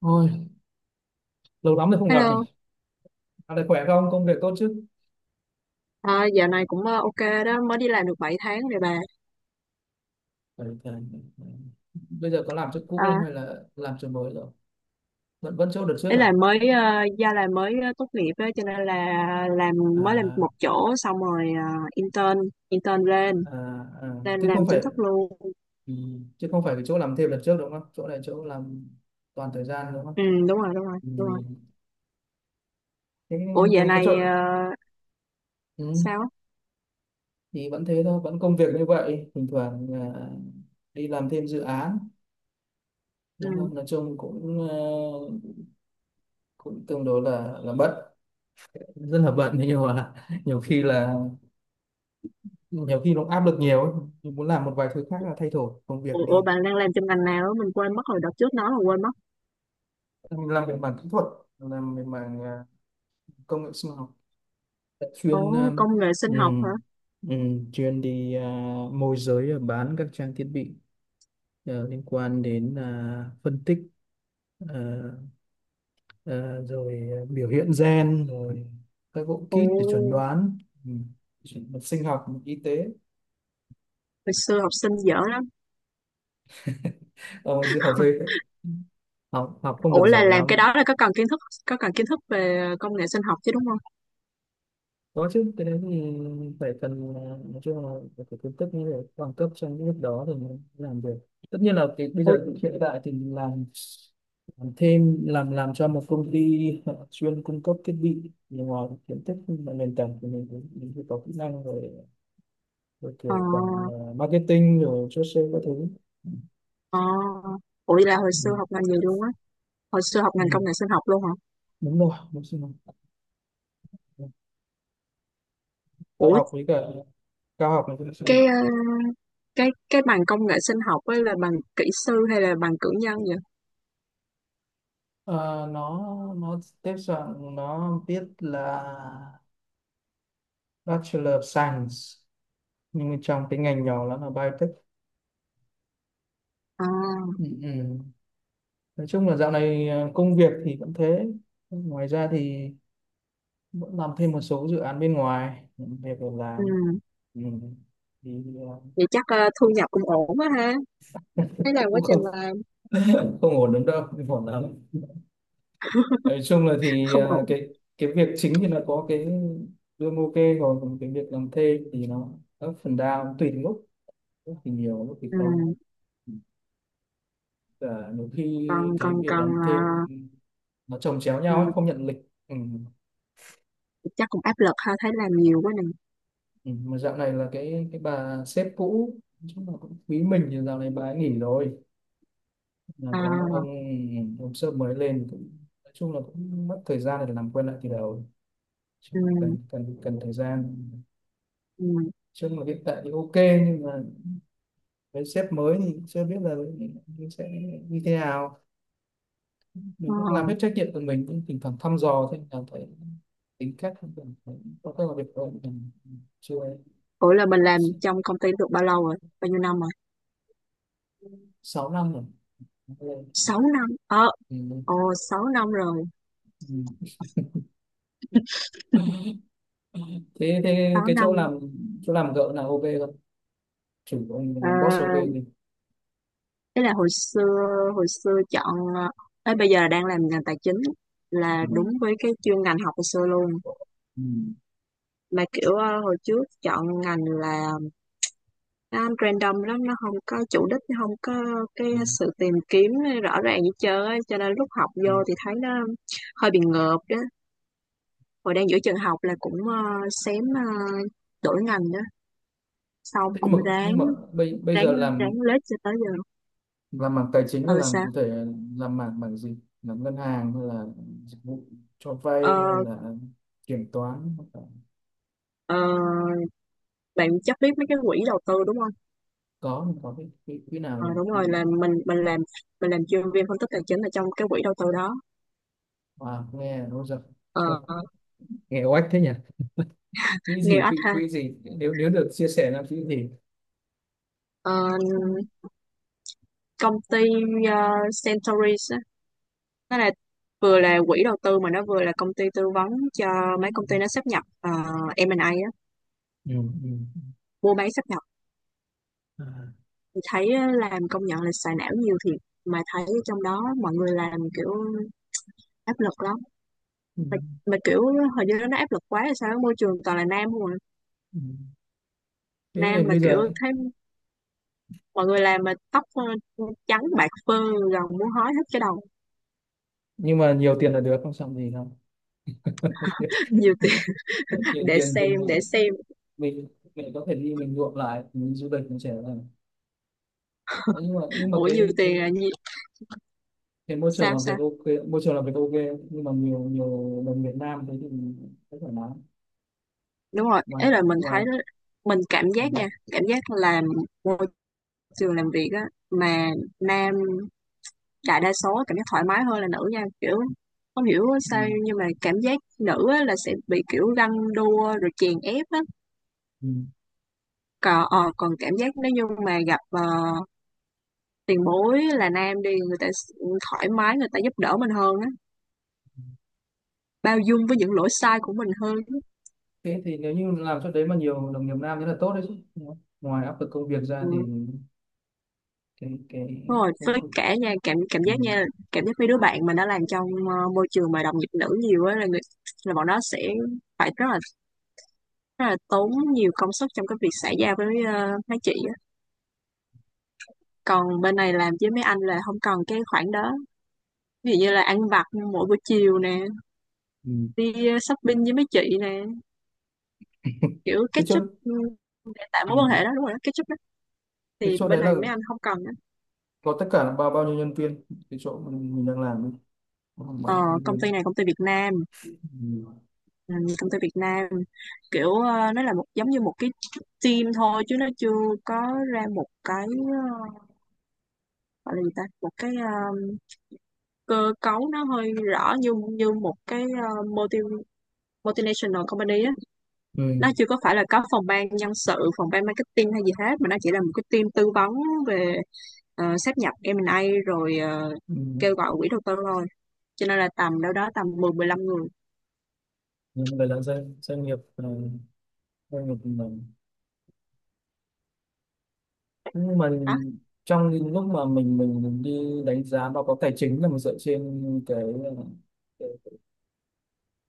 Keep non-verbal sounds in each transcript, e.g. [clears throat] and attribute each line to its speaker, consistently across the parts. Speaker 1: Thôi, lâu lắm rồi không gặp này.
Speaker 2: Hello,
Speaker 1: Dạo này khỏe không? Công việc tốt chứ?
Speaker 2: à, dạo này cũng ok đó, mới đi làm được 7 tháng rồi bà.
Speaker 1: Khỏe, khỏe. Bây giờ có làm chỗ cũ
Speaker 2: À,
Speaker 1: không hay là làm chỗ mới rồi? Vẫn vẫn chỗ đợt trước
Speaker 2: ý
Speaker 1: à?
Speaker 2: là mới ờ, gia là mới ờ, tốt nghiệp đó, cho nên là làm mới làm
Speaker 1: À,
Speaker 2: một chỗ xong rồi intern intern lên
Speaker 1: à, à.
Speaker 2: lên
Speaker 1: Chứ
Speaker 2: làm
Speaker 1: không
Speaker 2: chính
Speaker 1: phải
Speaker 2: thức luôn.
Speaker 1: ừ, chứ không phải cái chỗ làm thêm đợt trước đúng không? Chỗ này chỗ làm toàn thời gian đúng không?
Speaker 2: Ừ, đúng rồi đúng rồi
Speaker 1: Ừ.
Speaker 2: đúng rồi.
Speaker 1: Cái
Speaker 2: Ủa dạo
Speaker 1: cái chỗ.
Speaker 2: này
Speaker 1: Ừ.
Speaker 2: sao? Á?
Speaker 1: Thì vẫn thế thôi, vẫn công việc như vậy. Thỉnh thoảng đi làm thêm dự án.
Speaker 2: Ừ.
Speaker 1: Nhưng mà nói chung cũng cũng tương đối là bận, rất là bận. Thế nhưng mà [laughs] nhiều khi là nhiều khi nó áp lực nhiều ấy. Mình muốn làm một vài thứ khác là thay đổi công việc
Speaker 2: Ủa,
Speaker 1: đi.
Speaker 2: bạn đang làm trong ngành nào? Á? Mình quên mất rồi đợt trước nói là quên mất.
Speaker 1: Mình làm về mảng kỹ thuật, làm về mảng công nghệ sinh học, chuyên
Speaker 2: Ồ, công nghệ sinh học hả?
Speaker 1: ừm, chuyên môi giới, bán các trang thiết bị liên quan đến phân tích, ờ, ờ, rồi biểu hiện gen, rồi các bộ kit
Speaker 2: Ồ,
Speaker 1: để chuẩn đoán, ừm, sinh học y tế.
Speaker 2: hồi xưa học sinh dở lắm.
Speaker 1: [laughs] Ông dư học dây, học học không
Speaker 2: Ủa
Speaker 1: được
Speaker 2: là
Speaker 1: giỏi
Speaker 2: làm cái
Speaker 1: lắm.
Speaker 2: đó là có cần kiến thức về công nghệ sinh học chứ đúng không?
Speaker 1: Có chứ, cái đấy thì phải cần, nói chung là phải có kiến thức như để bằng cấp trong cái lúc đó thì mới làm được. Tất nhiên là cái bây
Speaker 2: Ủa,
Speaker 1: giờ hiện tại thì làm thêm, làm cho một công ty họ chuyên cung cấp thiết bị, nhưng mà kiến thức và nền tảng thì mình phải có kỹ năng rồi rồi
Speaker 2: ờ
Speaker 1: kiểu quản, marketing rồi chốt sale các thứ.
Speaker 2: Ờ. Ủa vậy là hồi
Speaker 1: Ừ.
Speaker 2: xưa học ngành gì luôn á? Hồi xưa học
Speaker 1: Ừ.
Speaker 2: ngành công nghệ sinh học luôn hả?
Speaker 1: Đúng rồi, đúng rồi. Đại
Speaker 2: Ủa
Speaker 1: học với cả cao học này cũng sẽ.
Speaker 2: cái ờ, cái bằng công nghệ sinh học ấy là bằng kỹ sư hay là bằng cử nhân vậy?
Speaker 1: Ờ, nó nó tiếp dạng nó biết là Bachelor of Science, nhưng mà trong cái ngành nhỏ nó là biotech.
Speaker 2: À,
Speaker 1: Ừ. Ừ. Nói chung là dạo này công việc thì vẫn thế, ngoài ra thì vẫn làm thêm một số dự án bên ngoài, những việc để
Speaker 2: ừ.
Speaker 1: làm. Ừ. Thì
Speaker 2: Vậy chắc thu nhập cũng ổn quá ha. Thấy làm quá
Speaker 1: cũng
Speaker 2: trình
Speaker 1: không.
Speaker 2: làm
Speaker 1: [laughs] Không ổn lắm đâu, không ổn lắm. Nói chung là thì
Speaker 2: không ổn.
Speaker 1: cái việc chính thì là có cái lương ok, còn cái việc làm thuê thì nó up and down tùy từng lúc, lúc thì nhiều lúc thì
Speaker 2: Ừ.
Speaker 1: không. Và nhiều khi
Speaker 2: Còn
Speaker 1: cái
Speaker 2: còn
Speaker 1: việc
Speaker 2: còn
Speaker 1: làm thêm
Speaker 2: ờ,
Speaker 1: nó chồng chéo
Speaker 2: ừ,
Speaker 1: nhau ấy, không nhận lịch. Ừ.
Speaker 2: chắc cũng áp lực ha, thấy làm nhiều quá nè.
Speaker 1: Ừ. Mà dạo này là cái bà sếp cũ, chắc là cũng quý mình, thì dạo này bà ấy nghỉ rồi, là
Speaker 2: À,
Speaker 1: có một ông sếp mới lên cũng, nói chung là cũng mất thời gian để làm quen lại từ đầu. Chứ
Speaker 2: ừ.
Speaker 1: cần, cần thời gian,
Speaker 2: Ừ.
Speaker 1: chứ mà hiện tại thì ok, nhưng mà với sếp mới thì chưa biết là sẽ như thế nào. Mình
Speaker 2: Ờ.
Speaker 1: cũng làm hết trách nhiệm của mình, cũng thỉnh thoảng thăm dò, thế là thấy tính cách của mình, thấy có cái là việc của mình chưa.
Speaker 2: Ủa là mình làm trong công ty được bao lâu rồi? Bao nhiêu năm rồi?
Speaker 1: 6 năm rồi. Lên
Speaker 2: 6 năm. Ờ,
Speaker 1: thì mình-
Speaker 2: ồ 6 năm rồi.
Speaker 1: thế thế
Speaker 2: sáu
Speaker 1: cái
Speaker 2: năm.
Speaker 1: chỗ làm, chỗ làm gợ là ok không, chủ của ông
Speaker 2: Ờ
Speaker 1: làm boss ok gì.
Speaker 2: thế là hồi xưa chọn ờ, ấy bây giờ là đang làm ngành tài chính là
Speaker 1: Ừ.
Speaker 2: đúng với cái chuyên ngành học hồi xưa luôn,
Speaker 1: Ừ.
Speaker 2: mà kiểu hồi trước chọn ngành là nó random lắm, nó không có chủ đích, nó không có cái
Speaker 1: Ừ.
Speaker 2: sự tìm kiếm rõ ràng gì chơi ấy. Cho nên lúc học
Speaker 1: Ừ.
Speaker 2: vô thì thấy nó hơi bị ngợp đó, hồi đang giữa trường học là cũng xém đổi ngành đó, xong
Speaker 1: Thế nhưng mà
Speaker 2: cũng ráng
Speaker 1: nhưng mà bây bây
Speaker 2: ráng
Speaker 1: giờ làm
Speaker 2: ráng lết cho tới giờ.
Speaker 1: làm mảng tài chính là
Speaker 2: Ờ
Speaker 1: làm
Speaker 2: Sao?
Speaker 1: cụ thể, làm mảng mảng gì, làm ngân hàng hay là dịch vụ cho vay hay
Speaker 2: ờ,
Speaker 1: là kiểm toán?
Speaker 2: ờ, Bạn chắc biết mấy cái quỹ đầu tư đúng không?
Speaker 1: Có, mình có cái quỹ, quỹ nào
Speaker 2: Ờ,
Speaker 1: nhỉ,
Speaker 2: đúng rồi,
Speaker 1: quỹ
Speaker 2: là mình làm chuyên viên phân tích tài chính ở trong cái quỹ đầu tư đó.
Speaker 1: nghe nó giật.
Speaker 2: Ờ,
Speaker 1: [laughs] Nghe oách thế nhỉ. Quỹ
Speaker 2: nghe
Speaker 1: gì,
Speaker 2: ách
Speaker 1: quỹ
Speaker 2: ha.
Speaker 1: quỹ gì, nếu nếu được chia sẻ là quỹ gì?
Speaker 2: Ờ,
Speaker 1: Ừ.
Speaker 2: công ty ờ, Centauris á, nó là vừa là quỹ đầu tư mà nó vừa là công ty tư vấn cho mấy công ty nó sáp nhập M&A á,
Speaker 1: Ừ. Ừ.
Speaker 2: mua bán sáp nhập,
Speaker 1: À.
Speaker 2: thì thấy á, làm công nhận là xài não nhiều thiệt, mà thấy trong đó mọi người làm kiểu áp lực lắm,
Speaker 1: Ừ.
Speaker 2: mà, mà kiểu hình như nó áp lực quá hay sao á, môi trường toàn là nam không à.
Speaker 1: Ừ. Thế
Speaker 2: Nam
Speaker 1: nên
Speaker 2: mà
Speaker 1: bây
Speaker 2: kiểu
Speaker 1: giờ.
Speaker 2: thấy mọi người làm mà tóc trắng bạc phơ, gần muốn hói hết cái đầu.
Speaker 1: Nhưng mà nhiều tiền là được, không xong gì đâu. [laughs]
Speaker 2: [laughs] Nhiều tiền,
Speaker 1: Nhiều
Speaker 2: để
Speaker 1: tiền thì
Speaker 2: xem để xem,
Speaker 1: mình mình có thể đi, mình nhuộm lại, mình đi du lịch, mình trẻ lại. Đấy, nhưng mà
Speaker 2: ủa nhiều
Speaker 1: cái
Speaker 2: tiền
Speaker 1: cái
Speaker 2: là gì,
Speaker 1: cái môi trường
Speaker 2: sao
Speaker 1: làm việc
Speaker 2: sao,
Speaker 1: ok, môi trường làm việc ok, nhưng mà nhiều nhiều đồng Việt Nam thế thì rất thoải mái.
Speaker 2: đúng rồi
Speaker 1: Ngoài
Speaker 2: ấy, là mình
Speaker 1: ngoài
Speaker 2: thấy đó, mình cảm
Speaker 1: Ừ.
Speaker 2: giác nha, cảm giác làm môi trường làm việc á, mà nam đại đa số cảm giác thoải mái hơn là nữ nha, kiểu không hiểu sao
Speaker 1: Ừ.
Speaker 2: nhưng mà cảm giác nữ á, là sẽ bị kiểu ganh đua rồi chèn ép á,
Speaker 1: Ừ.
Speaker 2: còn cảm giác nếu như mà gặp tiền bối là nam đi, người ta thoải mái, người ta giúp đỡ mình hơn á, bao dung với những lỗi sai của mình hơn.
Speaker 1: Thế thì nếu như làm chỗ đấy mà nhiều đồng nghiệp nam thế là tốt đấy chứ. Đúng không? Ngoài áp lực công việc
Speaker 2: Ừ.
Speaker 1: ra thì cái
Speaker 2: Đúng rồi,
Speaker 1: công
Speaker 2: với
Speaker 1: cụ.
Speaker 2: cả nha cảm cảm
Speaker 1: Ừ.
Speaker 2: giác nha, cảm giác mấy đứa bạn mình đã làm trong môi trường mà đồng nghiệp nữ nhiều á, là người, là bọn nó sẽ phải rất là tốn nhiều công sức trong cái việc xã giao với mấy chị á, còn bên này làm với mấy anh là không cần cái khoản đó. Ví dụ như là ăn vặt mỗi buổi chiều nè,
Speaker 1: Ừ.
Speaker 2: đi shopping với mấy chị nè,
Speaker 1: [laughs]
Speaker 2: kiểu
Speaker 1: Thế chỗ
Speaker 2: catch up, ừ, để tạo
Speaker 1: ừ.
Speaker 2: mối quan hệ đó, đúng rồi đó, catch up đó,
Speaker 1: Thế
Speaker 2: thì
Speaker 1: chỗ
Speaker 2: bên
Speaker 1: đấy là
Speaker 2: này mấy anh không cần đó.
Speaker 1: có tất cả là bao bao nhiêu nhân viên, cái chỗ mình đang làm ấy. Có khoảng bao
Speaker 2: Ờ,
Speaker 1: nhiêu nhân
Speaker 2: công ty
Speaker 1: viên?
Speaker 2: này công ty Việt Nam.
Speaker 1: Ừ.
Speaker 2: Ừ, công ty Việt Nam, kiểu nó là một giống như một cái team thôi, chứ nó chưa có ra một cái ờ, gọi là gì ta, một cái cơ cấu nó hơi rõ như như một cái multinational company á.
Speaker 1: Ừ.
Speaker 2: Nó chưa có phải là có phòng ban nhân sự, phòng ban marketing hay gì hết, mà nó chỉ là một cái team tư vấn về sáp nhập M&A rồi
Speaker 1: Ừ.
Speaker 2: kêu gọi quỹ đầu tư thôi, cho nên là tầm đâu đó tầm 10-15 người
Speaker 1: Nhưng mà là doanh doanh nghiệp, doanh nghiệp mình, nhưng mà
Speaker 2: đó.
Speaker 1: trong những lúc mà mình đi đánh giá báo cáo tài chính là mình dựa trên cái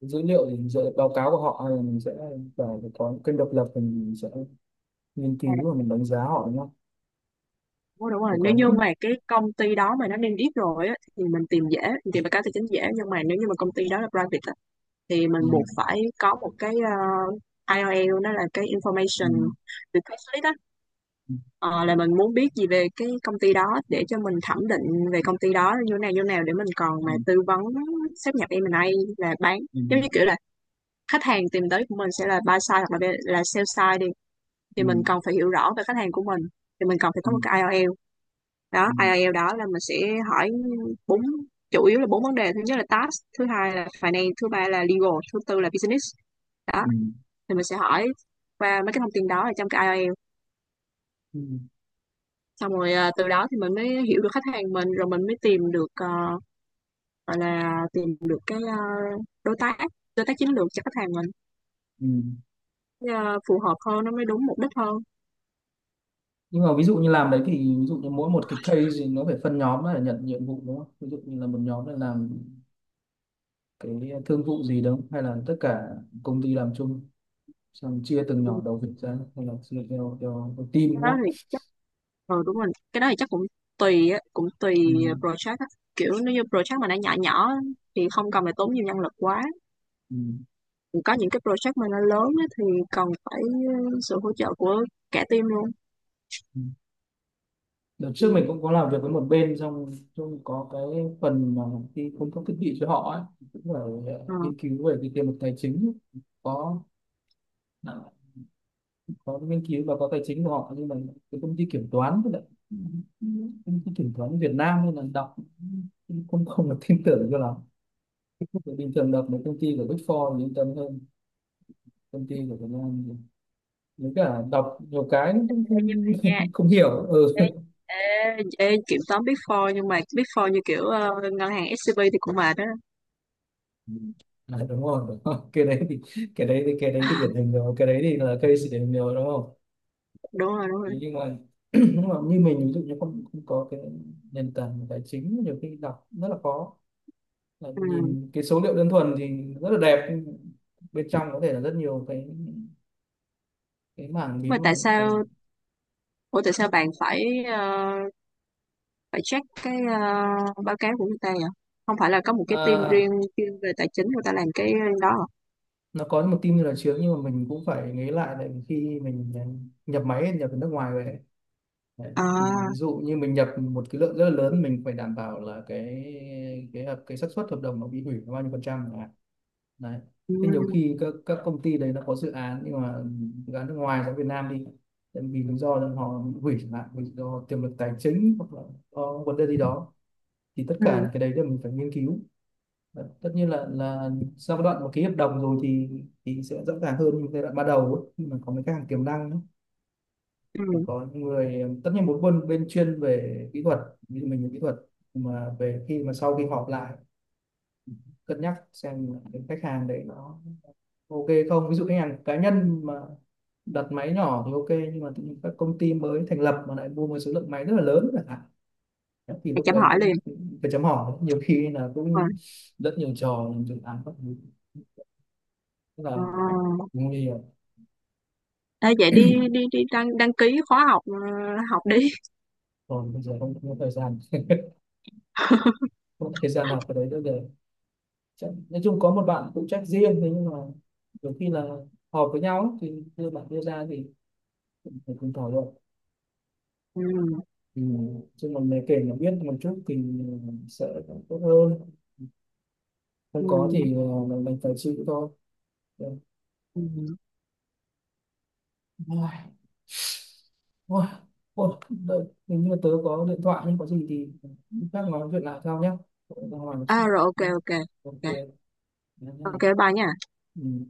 Speaker 1: dữ liệu thì mình sẽ báo cáo của họ, hay là mình sẽ vào có những kênh độc lập thì mình sẽ nghiên cứu và mình đánh giá họ nhá.
Speaker 2: Ủa, đúng
Speaker 1: Để
Speaker 2: rồi, nếu
Speaker 1: có
Speaker 2: như,
Speaker 1: những.
Speaker 2: ừ, mà cái công ty đó mà nó niêm yết rồi á, thì mình tìm dễ, mình tìm bài cá tài chính dễ, nhưng mà nếu như mà công ty đó là private á, thì mình
Speaker 1: Ừ,
Speaker 2: buộc phải có một cái IOL, nó là cái
Speaker 1: ừ,
Speaker 2: information request list á.
Speaker 1: ừ,
Speaker 2: Ờ, là mình muốn biết gì về cái công ty đó để cho mình thẩm định về công ty đó như thế nào như thế nào, để mình còn mà tư vấn sáp nhập em M&A là bán,
Speaker 1: ừ,
Speaker 2: giống
Speaker 1: ừ,
Speaker 2: như kiểu là khách hàng tìm tới của mình sẽ là buy side hoặc là sell side đi, thì
Speaker 1: ừ,
Speaker 2: mình cần phải hiểu rõ về khách hàng của mình, thì mình cần phải
Speaker 1: ừ,
Speaker 2: có một
Speaker 1: ừ,
Speaker 2: cái IELTS, đó IELTS đó là mình sẽ hỏi bốn, chủ yếu là bốn vấn đề: thứ nhất là task, thứ hai là finance, thứ ba là legal, thứ tư là business, đó,
Speaker 1: ừ,
Speaker 2: thì mình sẽ hỏi qua mấy cái thông tin đó ở trong cái IELTS,
Speaker 1: ừ, ừ.
Speaker 2: xong rồi từ đó thì mình mới hiểu được khách hàng mình, rồi mình mới tìm được gọi là tìm được cái đối tác đối tác chiến lược cho khách hàng mình,
Speaker 1: Ừ.
Speaker 2: ờ, phù hợp hơn, nó mới đúng mục đích hơn.
Speaker 1: Nhưng mà ví dụ như làm đấy thì ví dụ như mỗi một cái case thì nó phải phân nhóm để nhận nhiệm vụ đúng không, ví dụ như là một nhóm là làm cái thương vụ gì đúng không, hay là tất cả công ty làm chung xong chia từng
Speaker 2: Ừ,
Speaker 1: nhỏ đầu việc ra, hay là chia theo theo team
Speaker 2: cái
Speaker 1: đúng
Speaker 2: đó
Speaker 1: không?
Speaker 2: thì. Ờ đúng rồi, cái đó thì chắc cũng tùy á, cũng tùy
Speaker 1: Ừ,
Speaker 2: project á. Kiểu nếu như project mà nó nhỏ nhỏ á, thì không cần phải tốn nhiều nhân lực quá.
Speaker 1: ừ,
Speaker 2: Còn có những cái project mà nó lớn á, thì cần phải sự hỗ trợ của cả team luôn.
Speaker 1: ừ. Đợt
Speaker 2: Ừ.
Speaker 1: trước mình cũng có làm việc với một bên trong, có cái phần mà đi cung cấp thiết bị cho họ ấy, cũng phải
Speaker 2: Ờ.
Speaker 1: nghiên cứu về cái tiềm lực tài chính. Có, à, có nghiên cứu và có tài chính của họ, nhưng mà cái công ty kiểm toán, với lại công ty kiểm toán Việt Nam nên là đọc cũng không không được tin tưởng cho lắm. Thì bình thường đọc mấy công ty của Big Four thì yên tâm hơn, công ty của Việt Nam thì với cả đọc nhiều cái cũng
Speaker 2: Ê, nhưng mà nha,
Speaker 1: không. [laughs] Không hiểu. Ừ.
Speaker 2: ê, ê, ê, kiểm toán Big Four, nhưng mà Big Four như kiểu ngân hàng SCB thì cũng mệt đó.
Speaker 1: Ừ. À, đúng rồi, đúng rồi. [laughs] Cái đấy thì, cái đấy thì điển
Speaker 2: [laughs]
Speaker 1: hình rồi, cái đấy thì là case điển hình rồi đúng không?
Speaker 2: Đúng rồi, đúng
Speaker 1: Thế
Speaker 2: rồi.
Speaker 1: nhưng mà [clears throat] nhưng mà như mình, ví dụ như không không có cái nền tảng tài chính, nhiều khi đọc rất là khó, là
Speaker 2: Ừ.
Speaker 1: nhìn cái số liệu đơn thuần thì rất là đẹp, nhưng bên trong có thể là rất nhiều cái mảng miếng
Speaker 2: Mà
Speaker 1: mà
Speaker 2: tại sao,
Speaker 1: mình-
Speaker 2: ủa tại sao bạn phải check cái báo cáo của người ta à? Không phải là có một cái team riêng
Speaker 1: à,
Speaker 2: chuyên về tài chính người ta làm cái đó à?
Speaker 1: nó có một team như là trước, nhưng mà mình cũng phải nghĩ lại, tại vì khi mình nhập máy, nhập từ nước ngoài về. Đấy. Thì
Speaker 2: À,
Speaker 1: ví dụ như mình nhập một cái lượng rất là lớn, mình phải đảm bảo là cái hợp cái xác suất hợp đồng nó bị hủy là bao nhiêu phần trăm chẳng hạn. Đấy.
Speaker 2: ừ,
Speaker 1: Thế nhiều khi các công ty đấy nó có dự án, nhưng mà dự án nước ngoài ra Việt Nam đi, tại vì lý do là họ bị hủy chẳng hạn, vì do tiềm lực tài chính hoặc là có vấn đề gì đó, thì tất
Speaker 2: ừ,
Speaker 1: cả những cái đấy là mình phải nghiên cứu. Đấy. Tất nhiên là sau cái đoạn mà ký hợp đồng rồi thì sẽ rõ ràng hơn giai đoạn ban đầu ấy, khi mà có mấy cái hàng tiềm năng ấy.
Speaker 2: ừ.
Speaker 1: Phải có những người, tất nhiên một bên bên chuyên về kỹ thuật, ví dụ mình về kỹ thuật, mà về khi mà sau khi họp lại, cân nhắc xem cái khách hàng đấy nó ok không. Ví dụ khách hàng cá nhân mà đặt máy nhỏ thì ok, nhưng mà tự nhiên các công ty mới thành lập mà lại mua một số lượng máy rất là lớn chẳng hạn, thì
Speaker 2: Thầy
Speaker 1: lúc
Speaker 2: chăm
Speaker 1: đấy
Speaker 2: hỏi
Speaker 1: cũng
Speaker 2: liền.
Speaker 1: cũng phải chấm hỏi, nhiều khi là
Speaker 2: Ờ,
Speaker 1: cũng rất nhiều trò làm dự án các thứ, rất
Speaker 2: ờ.
Speaker 1: là nguy hiểm.
Speaker 2: Ê, vậy đi đi đi đăng đăng ký khóa học học đi.
Speaker 1: Còn bây giờ
Speaker 2: [laughs]
Speaker 1: không có thời gian nào vào đấy nữa để, nói chung có một bạn phụ trách riêng, thế nhưng mà nhiều khi là họp với nhau ấy, thì đưa bạn đưa ra thì cũng phải cùng thảo luận,
Speaker 2: Ừ,
Speaker 1: thì chung là mình kể là biết một chút thì sẽ tốt hơn, không có
Speaker 2: ừ,
Speaker 1: thì mình phải chịu thôi. Rồi.
Speaker 2: ừ.
Speaker 1: Ôi, ôi, ôi, đợi, hình như tớ có điện thoại, nhưng có gì thì lúc khác nói chuyện lại sau nhé. Tớ ra ngoài một
Speaker 2: À
Speaker 1: chút
Speaker 2: rồi, ok
Speaker 1: nhé.
Speaker 2: ok.
Speaker 1: Ok
Speaker 2: Ok,
Speaker 1: nhé.
Speaker 2: ok bye nha.
Speaker 1: Ừ.